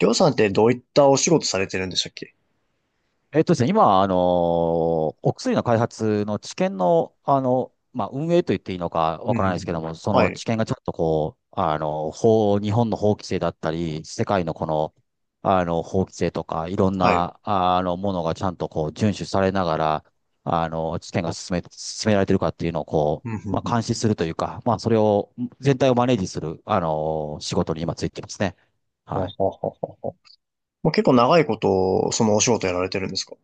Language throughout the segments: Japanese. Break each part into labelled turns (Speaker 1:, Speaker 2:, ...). Speaker 1: りょうさんってどういったお仕事されてるんでしたっけ？
Speaker 2: えっとですね、今、お薬の開発の治験の、運営と言っていいのか
Speaker 1: う
Speaker 2: わ
Speaker 1: んう
Speaker 2: か
Speaker 1: ん
Speaker 2: ら
Speaker 1: う
Speaker 2: ないですけど
Speaker 1: ん。
Speaker 2: も、そ
Speaker 1: は
Speaker 2: の
Speaker 1: い、
Speaker 2: 治験がちょっとこう、日本の法規制だったり、世界のこの、法規制とか、いろん
Speaker 1: はい。
Speaker 2: な、ものがちゃんとこう、遵守されながら、治験が進められてるかっていうのをこ
Speaker 1: うんう
Speaker 2: う、
Speaker 1: んうん。
Speaker 2: 監視するというか、それを、全体をマネージする、あの仕事に今ついてますね。
Speaker 1: はは
Speaker 2: はい。
Speaker 1: ははは。もう結構長いこと、そのお仕事やられてるんですか？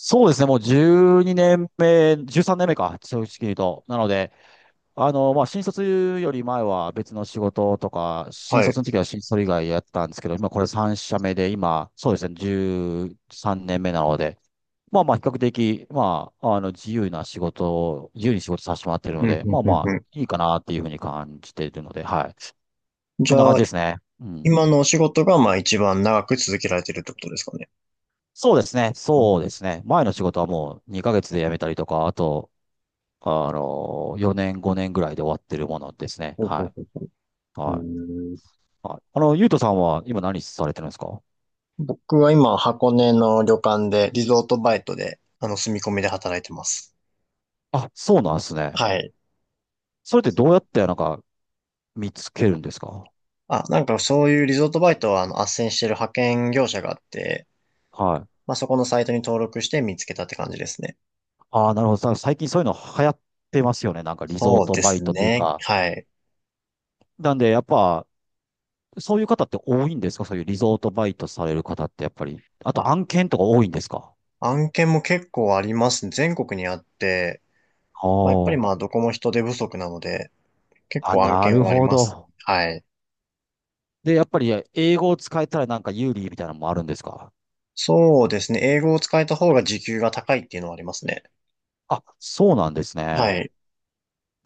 Speaker 2: そうですね、もう12年目、13年目か、正直言うと。なので、新卒より前は別の仕事とか、新
Speaker 1: はい。
Speaker 2: 卒の時は新卒以外やったんですけど、今これ3社目で、今、そうですね、13年目なので、まあまあ、比較的、自由な仕事を、自由に仕事させてもらってる
Speaker 1: う
Speaker 2: の
Speaker 1: ん
Speaker 2: で、
Speaker 1: う
Speaker 2: ま
Speaker 1: ん
Speaker 2: あ
Speaker 1: う
Speaker 2: ま
Speaker 1: んう
Speaker 2: あ、いいかなっていうふうに感じているので、はい。
Speaker 1: ん。じ
Speaker 2: そんな
Speaker 1: ゃ
Speaker 2: 感
Speaker 1: あ、
Speaker 2: じですね。うん。
Speaker 1: 今のお仕事が、まあ一番長く続けられてるってことですかね。
Speaker 2: そうですね、
Speaker 1: う
Speaker 2: そう
Speaker 1: ん。
Speaker 2: ですね。前の仕事はもう2ヶ月で辞めたりとか、あと、4年、5年ぐらいで終わってるものですね。
Speaker 1: ほうほ
Speaker 2: は
Speaker 1: う
Speaker 2: い。
Speaker 1: ほう。う
Speaker 2: はい。
Speaker 1: ーん。
Speaker 2: はい。ゆうとさんは今何されてるんですか？
Speaker 1: 僕は今、箱根の旅館で、リゾートバイトで、住み込みで働いてます。
Speaker 2: あ、そうなんですね。
Speaker 1: はい。
Speaker 2: それってどうやってなんか見つけるんですか？
Speaker 1: あ、なんかそういうリゾートバイトは、斡旋してる派遣業者があって、
Speaker 2: はい。
Speaker 1: まあそこのサイトに登録して見つけたって感じですね。
Speaker 2: ああ、なるほど。最近そういうの流行ってますよね。なんかリゾー
Speaker 1: そう
Speaker 2: ト
Speaker 1: で
Speaker 2: バイ
Speaker 1: す
Speaker 2: トという
Speaker 1: ね。
Speaker 2: か。
Speaker 1: はい。
Speaker 2: なんで、やっぱ、そういう方って多いんですか？そういうリゾートバイトされる方ってやっぱり。あと
Speaker 1: あ、
Speaker 2: 案件とか多いんですか？
Speaker 1: 案件も結構ありますね、全国にあって、まあ、やっぱり
Speaker 2: あ
Speaker 1: まあどこも人手不足なので、結
Speaker 2: あ。あ、
Speaker 1: 構案
Speaker 2: な
Speaker 1: 件
Speaker 2: る
Speaker 1: はあり
Speaker 2: ほ
Speaker 1: ますね。
Speaker 2: ど。
Speaker 1: はい。
Speaker 2: で、やっぱり英語を使えたらなんか有利みたいなのもあるんですか？
Speaker 1: そうですね。英語を使えた方が時給が高いっていうのはありますね。
Speaker 2: あ、そうなんです
Speaker 1: は
Speaker 2: ね。
Speaker 1: い。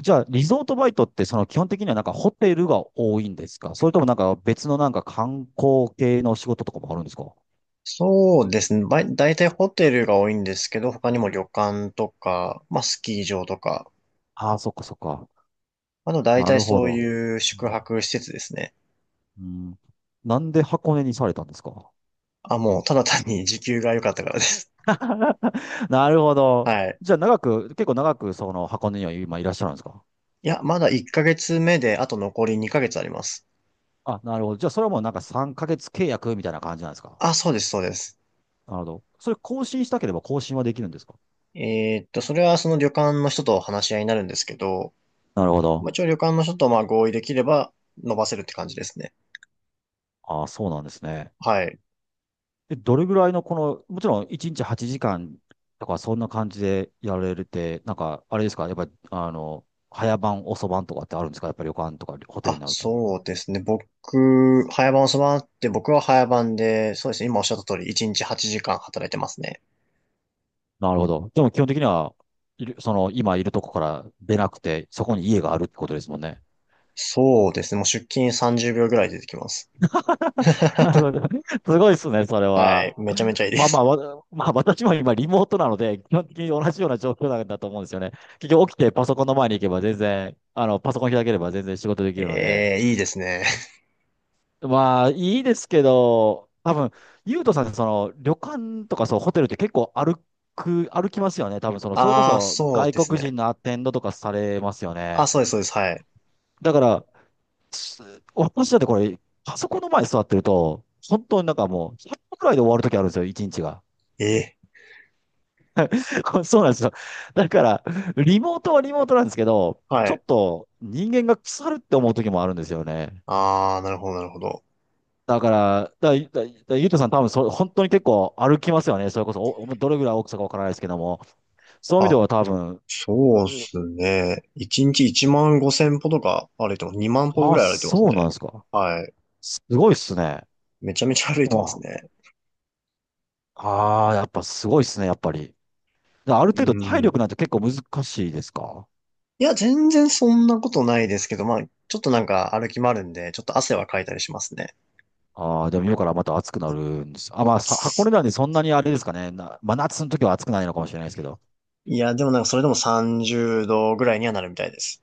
Speaker 2: じゃあ、リゾートバイトって、その基本的にはなんかホテルが多いんですか？それともなんか別のなんか観光系の仕事とかもあるんですか？
Speaker 1: そうですね。ばい、大体ホテルが多いんですけど、
Speaker 2: う
Speaker 1: 他にも
Speaker 2: ん。
Speaker 1: 旅館とか、まあスキー場とか、
Speaker 2: ああ、そっかそっか。
Speaker 1: あと大
Speaker 2: な
Speaker 1: 体
Speaker 2: るほ
Speaker 1: そう
Speaker 2: ど。
Speaker 1: いう
Speaker 2: う
Speaker 1: 宿
Speaker 2: ん。
Speaker 1: 泊施設ですね。
Speaker 2: うん。なんで箱根にされたんですか？
Speaker 1: あ、もうただ単に時給が良かったからです。
Speaker 2: なるほど。
Speaker 1: はい。
Speaker 2: じゃあ、結構長くその箱根には今いらっしゃるんですか？
Speaker 1: いや、まだ1ヶ月目で、あと残り2ヶ月あります。
Speaker 2: あ、なるほど。じゃあ、それはもうなんか3ヶ月契約みたいな感じなんですか？
Speaker 1: あ、そうです、そうです。
Speaker 2: なるほど。それ更新したければ更新はできるんですか？
Speaker 1: それはその旅館の人と話し合いになるんですけど、
Speaker 2: なるほ
Speaker 1: まあ、
Speaker 2: ど。
Speaker 1: 一応旅館の人とまあ合意できれば伸ばせるって感じですね。
Speaker 2: ああ、そうなんですね。
Speaker 1: はい。
Speaker 2: え、どれぐらいのこの、もちろん1日8時間とかそんな感じでやれるって、なんかあれですか、やっぱり早晩、遅晩とかってあるんですか、やっぱり旅館とかホテルに
Speaker 1: あ、
Speaker 2: なると。
Speaker 1: そうですね。僕、早番を備わって、僕は早番で、そうですね。今おっしゃった通り、1日8時間働いてますね。
Speaker 2: なるほど。でも基本的には、その今いるとこから出なくて、そこに家があるってことですもんね。
Speaker 1: そうですね。もう出勤30秒ぐらいで出てきます。
Speaker 2: なるほど。すごいですね、それ
Speaker 1: は
Speaker 2: は。
Speaker 1: い。めちゃめちゃいいで
Speaker 2: まあま
Speaker 1: す。
Speaker 2: あ、私も今リモートなので、基本的に同じような状況なんだと思うんですよね。結局起きてパソコンの前に行けば全然、パソコン開ければ全然仕事できるので。
Speaker 1: ええ、いいですね。
Speaker 2: まあ、いいですけど、多分、ゆうとさんってその、旅館とかそう、ホテルって結構歩きますよね。多分、その、それこ
Speaker 1: ああ、
Speaker 2: そ
Speaker 1: そう
Speaker 2: 外
Speaker 1: です
Speaker 2: 国
Speaker 1: ね。
Speaker 2: 人のアテンドとかされますよ
Speaker 1: あ、
Speaker 2: ね。
Speaker 1: そうです、そうです。はい。
Speaker 2: だから、す私だってこれ、パソコンの前に座ってると、本当になんかもう、100歩くらいで終わる時あるんですよ、一日が。
Speaker 1: ええ、
Speaker 2: これそうなんですよ。だから、リモートはリモートなんですけど、
Speaker 1: は
Speaker 2: ちょ
Speaker 1: い。
Speaker 2: っと人間が腐るって思う時もあるんですよね。
Speaker 1: ああ、なるほど、なるほど。
Speaker 2: だから、だ、だ、だゆうとさん多分本当に結構歩きますよね。それこそ、どれぐらい大きさかわからないですけども。そういう意味で
Speaker 1: あ、
Speaker 2: は多分、
Speaker 1: そうっ
Speaker 2: うん。
Speaker 1: すね。1日1万5千歩とか歩いてます。2万歩ぐ
Speaker 2: あ、
Speaker 1: らい歩いてます
Speaker 2: そうな
Speaker 1: ね。
Speaker 2: んですか。
Speaker 1: はい。
Speaker 2: すごいっすね。
Speaker 1: めちゃめちゃ歩い
Speaker 2: で
Speaker 1: てます
Speaker 2: も、
Speaker 1: ね。
Speaker 2: ああ、やっぱすごいっすね、やっぱり。である
Speaker 1: う
Speaker 2: 程度体
Speaker 1: ん。
Speaker 2: 力なんて結構難しいですか？
Speaker 1: いや、全然そんなことないですけど、まあ、ちょっとなんか歩き回るんで、ちょっと汗はかいたりしますね。
Speaker 2: ああー、でも今からまた暑くなるんです。箱根なんでそんなにあれですかね。真夏の時は暑くないのかもしれないですけど。
Speaker 1: いや、でもなんかそれでも30度ぐらいにはなるみたいです。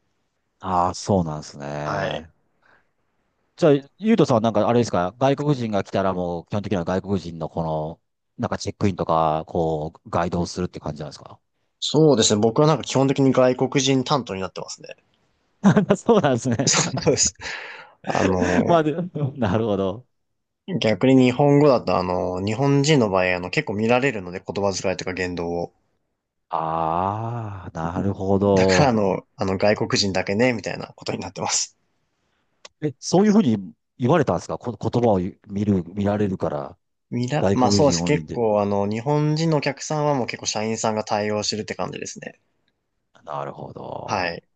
Speaker 2: ああ、そうなんです
Speaker 1: はい。
Speaker 2: ね。じゃあ、ゆうとさんはなんかあれですか、外国人が来たらもう基本的には外国人のこの、なんかチェックインとか、こう、ガイドをするって感じなんですか？
Speaker 1: そうですね。僕はなんか基本的に外国人担当になってますね。
Speaker 2: そうなんですね。
Speaker 1: そうです。あの、
Speaker 2: で、なるほど。
Speaker 1: 逆に日本語だと日本人の場合、結構見られるので、言葉遣いとか言動を。
Speaker 2: ああ、なるほ
Speaker 1: だから
Speaker 2: ど。
Speaker 1: 外国人だけね、みたいなことになってます。
Speaker 2: え、そういうふうに言われたんですか？言葉を見られるから、外
Speaker 1: まあ
Speaker 2: 国
Speaker 1: そうで
Speaker 2: 人
Speaker 1: す。
Speaker 2: オンリー
Speaker 1: 結
Speaker 2: で。
Speaker 1: 構日本人のお客さんはもう結構社員さんが対応してるって感じですね。
Speaker 2: なるほ
Speaker 1: は
Speaker 2: ど。
Speaker 1: い。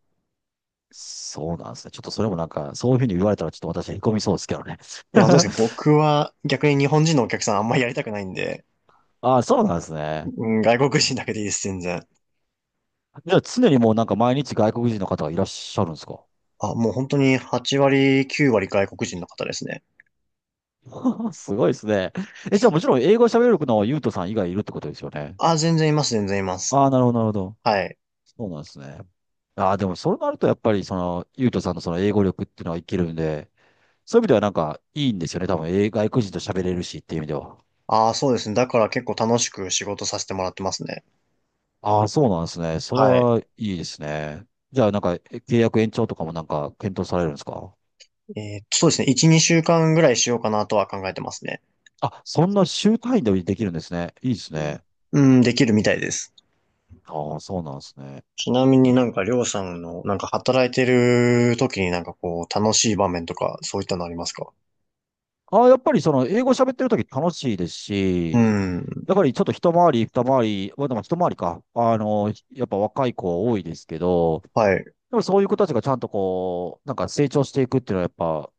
Speaker 2: そうなんですね。ちょっとそれもなんか、そういうふうに言われたらちょっと私へこみそうですけどね。
Speaker 1: いや、本当です けど、僕は逆に日本人のお客さんあんまりやりたくないんで、
Speaker 2: ああ、そうなんですね。
Speaker 1: うん、外国人だけでいいです、全然。
Speaker 2: じゃあ常にもうなんか毎日外国人の方がいらっしゃるんですか？
Speaker 1: あ、もう本当に8割、9割外国人の方ですね。
Speaker 2: すごいですね。え、じゃあもちろん英語喋れるのはユうトさん以外いるってことですよね。
Speaker 1: あ、全然います、全然います。
Speaker 2: ああ、なるほど、なるほど。
Speaker 1: はい。
Speaker 2: そうなんですね。ああ、でもそうなるとやっぱりその、ゆうとさんのその英語力っていうのは生きるんで、そういう意味ではなんかいいんですよね。多分、外国人と喋れるしっていう意味では。
Speaker 1: あ、そうですね。だから結構楽しく仕事させてもらってますね。
Speaker 2: ああ、そうなんですね。それ
Speaker 1: はい。
Speaker 2: はいいですね。じゃあなんか契約延長とかもなんか検討されるんですか？
Speaker 1: そうですね。1、2週間ぐらいしようかなとは考えてますね。
Speaker 2: あ、そんな週単位でできるんですね。いいですね。
Speaker 1: うん、できるみたいです。
Speaker 2: ああ、そうなんですね。
Speaker 1: ちなみになんか、りょうさんの、なんか働いてる時になんかこう、楽しい場面とか、そういったのありますか？
Speaker 2: ああ、やっぱりその英語喋ってるとき楽しいです
Speaker 1: う
Speaker 2: し、
Speaker 1: ん、
Speaker 2: やっぱりちょっと一回り、二回り、まあでも一回りか、やっぱ若い子多いですけど、
Speaker 1: はい。
Speaker 2: でもそういう子たちがちゃんとこう、なんか成長していくっていうのはやっぱ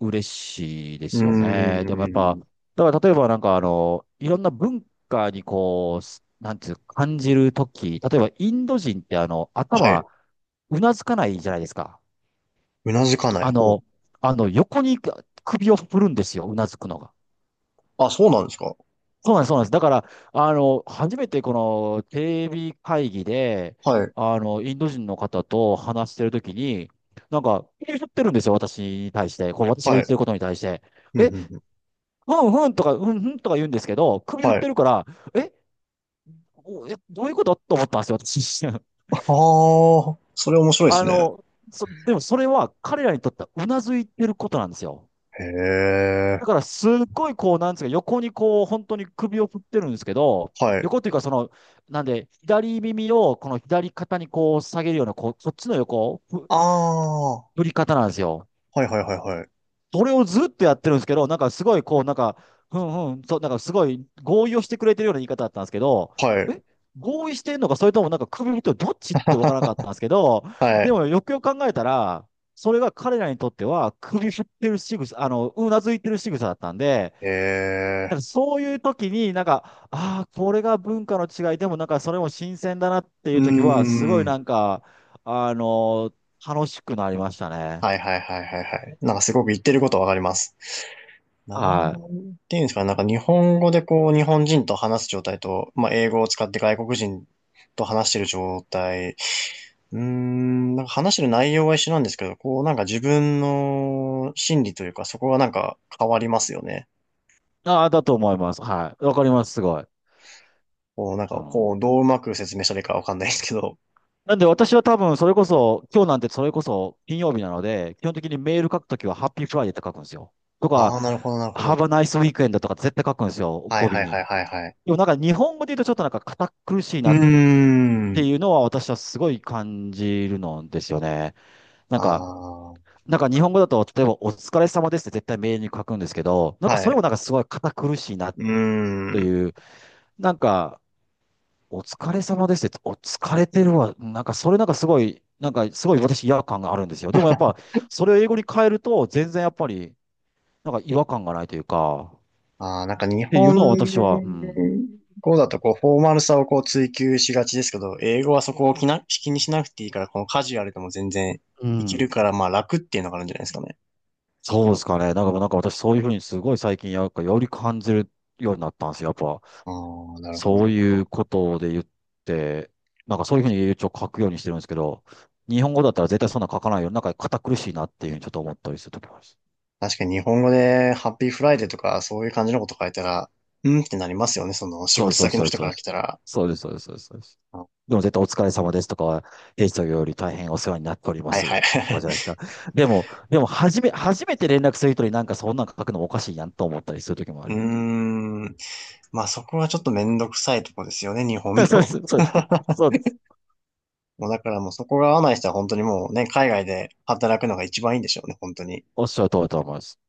Speaker 2: 嬉しいで
Speaker 1: うー
Speaker 2: すよね。でもやっぱ、
Speaker 1: ん、
Speaker 2: だから例えばなんかいろんな文化にこう、なんていう感じるとき例えばインド人って
Speaker 1: はい。
Speaker 2: 頭、うなずかないじゃないですか。
Speaker 1: うなずかない
Speaker 2: あ
Speaker 1: 方。
Speaker 2: の、横に首を振るんですよ、うなずくのが。
Speaker 1: あ、そうなんですか？
Speaker 2: そうなんです、そうなんです。だから、初めてこのテレビ会議で、
Speaker 1: はい、
Speaker 2: インド人の方と話してるときに、なんか、言ってるんですよ、私に対して。こう、私が
Speaker 1: は
Speaker 2: 言
Speaker 1: い。
Speaker 2: ってることに対して。
Speaker 1: うん、う
Speaker 2: え、
Speaker 1: ん、うん。
Speaker 2: うんうんとか、うんうんとか言うんですけど、首振っ
Speaker 1: は
Speaker 2: て
Speaker 1: い。
Speaker 2: るから、え、どういうことと思ったんですよ、私。
Speaker 1: ああ、それ面白いで
Speaker 2: あ
Speaker 1: すね。
Speaker 2: の、でもそれは彼らにとってはうなずいてることなんですよ。
Speaker 1: へ
Speaker 2: だ
Speaker 1: え、
Speaker 2: からすっごいこう、なんですか、横にこう、本当に首を振ってるんですけど、
Speaker 1: はい。
Speaker 2: 横っていうかその、なんで、左耳をこの左肩にこう下げるような、こう、そっちの横、
Speaker 1: ああ、は
Speaker 2: 振り方なんですよ。
Speaker 1: い、はい、はい、はい。
Speaker 2: それをずっとやってるんですけど、なんかすごいこう、なんか、ふんふん、そう、なんかすごい合意をしてくれてるような言い方だったんですけど、
Speaker 1: はい、
Speaker 2: え合意してるのか、それともなんか首振ってどっちって分からなかったんですけど、
Speaker 1: は
Speaker 2: で
Speaker 1: い。
Speaker 2: もよくよく考えたら、それが彼らにとっては首振ってる仕草、うなずいてる仕草だったんで、
Speaker 1: へ
Speaker 2: なんか
Speaker 1: え、
Speaker 2: そういう時に、なんか、ああ、これが文化の違いでも、なんかそれも新鮮だなってい
Speaker 1: うー
Speaker 2: う時は、すごい
Speaker 1: ん。
Speaker 2: なんか、あの楽しくなりましたね。
Speaker 1: はい、はい、はい、はい、はい。なんかすごく言ってることわかります。な
Speaker 2: はい。
Speaker 1: んていうんですかね、なんか日本語でこう、日本人と話す状態と、まあ、英語を使って外国人と話してる状態。うーん、なんか話してる内容は一緒なんですけど、こう、なんか自分の心理というか、そこがなんか変わりますよね。
Speaker 2: ああ、だと思います。はい。わかります、すごい。
Speaker 1: こう、なんか、
Speaker 2: あ
Speaker 1: こ
Speaker 2: の、
Speaker 1: う、どううまく説明したらいいかわかんないですけど。
Speaker 2: なんで私は多分、それこそ、今日なんてそれこそ金曜日なので、基本的にメール書くときは、ハッピーフライデーって書くんですよ。とか、
Speaker 1: ああ、なるほど、なるほ
Speaker 2: ハ
Speaker 1: ど。
Speaker 2: ブナイスウィークエンドとか絶対書くんですよ、
Speaker 1: はい
Speaker 2: 語尾
Speaker 1: はいは
Speaker 2: に。
Speaker 1: いはいはい。
Speaker 2: でもなんか日本語で言うとちょっとなんか堅苦しい
Speaker 1: うー
Speaker 2: なって
Speaker 1: ん。
Speaker 2: いうのは私はすごい感じるのですよね。なん
Speaker 1: あ
Speaker 2: か、
Speaker 1: あ、
Speaker 2: 日本語だと、例えばお疲れ様ですって絶対メールに書くんですけど、なんか
Speaker 1: は
Speaker 2: それ
Speaker 1: い。
Speaker 2: もなんかすごい堅苦しいな
Speaker 1: うー
Speaker 2: と
Speaker 1: ん。
Speaker 2: いう、なんか、お疲れ様ですって、お疲れてるわ。なんかそれなんかすごい私違和感があるんですよ。でもやっぱ、それを英語に変えると、全然やっぱり、なんか違和感がないというか、っ
Speaker 1: ああ、なんか日
Speaker 2: ていう
Speaker 1: 本
Speaker 2: のは私は、うん。
Speaker 1: 語だとこう、フォーマルさをこう追求しがちですけど、英語はそこを気にしなくていいから、このカジュアルでも全然
Speaker 2: う
Speaker 1: いけ
Speaker 2: ん。
Speaker 1: るから、まあ楽っていうのがあるんじゃないですかね。
Speaker 2: そうですかね。なんか私そういうふうにすごい最近、やっぱより感じるようになったんですよ。やっぱ。
Speaker 1: ああ、なる
Speaker 2: そう
Speaker 1: ほ
Speaker 2: いう
Speaker 1: ど。
Speaker 2: ことで言って、なんかそういうふうに一応書くようにしてるんですけど、日本語だったら絶対そんな書かないよ。なんか堅苦しいなっていうふうにちょっと思ったりするときも
Speaker 1: 確かに日本語でハッピーフライデーとかそういう感じのこと書いたら、うんってなりますよね。その仕
Speaker 2: そうで
Speaker 1: 事
Speaker 2: す、そう
Speaker 1: 先の
Speaker 2: です、
Speaker 1: 人
Speaker 2: そ
Speaker 1: か
Speaker 2: うで
Speaker 1: ら来
Speaker 2: す。
Speaker 1: たら。
Speaker 2: そうです、そうです、そうです。そうですそうです。
Speaker 1: あ、
Speaker 2: でも絶対お疲れ様ですとかは、平時より大変お世話になっておりま
Speaker 1: はい
Speaker 2: す。
Speaker 1: は
Speaker 2: と
Speaker 1: い。
Speaker 2: かじゃないです か。でも、初めて連絡する人になんかそんなん書くのもおかしいやんと思ったりするときも
Speaker 1: う
Speaker 2: あ
Speaker 1: ー
Speaker 2: りま
Speaker 1: ん。まあそこはちょっとめんどくさいとこですよね、日
Speaker 2: す。
Speaker 1: 本
Speaker 2: そうで
Speaker 1: の。
Speaker 2: す、そうです。そうです。
Speaker 1: もうだからもうそこが合わない人は本当にもうね、海外で働くのが一番いいんでしょうね、本当に。
Speaker 2: おっしゃる通りだと思います。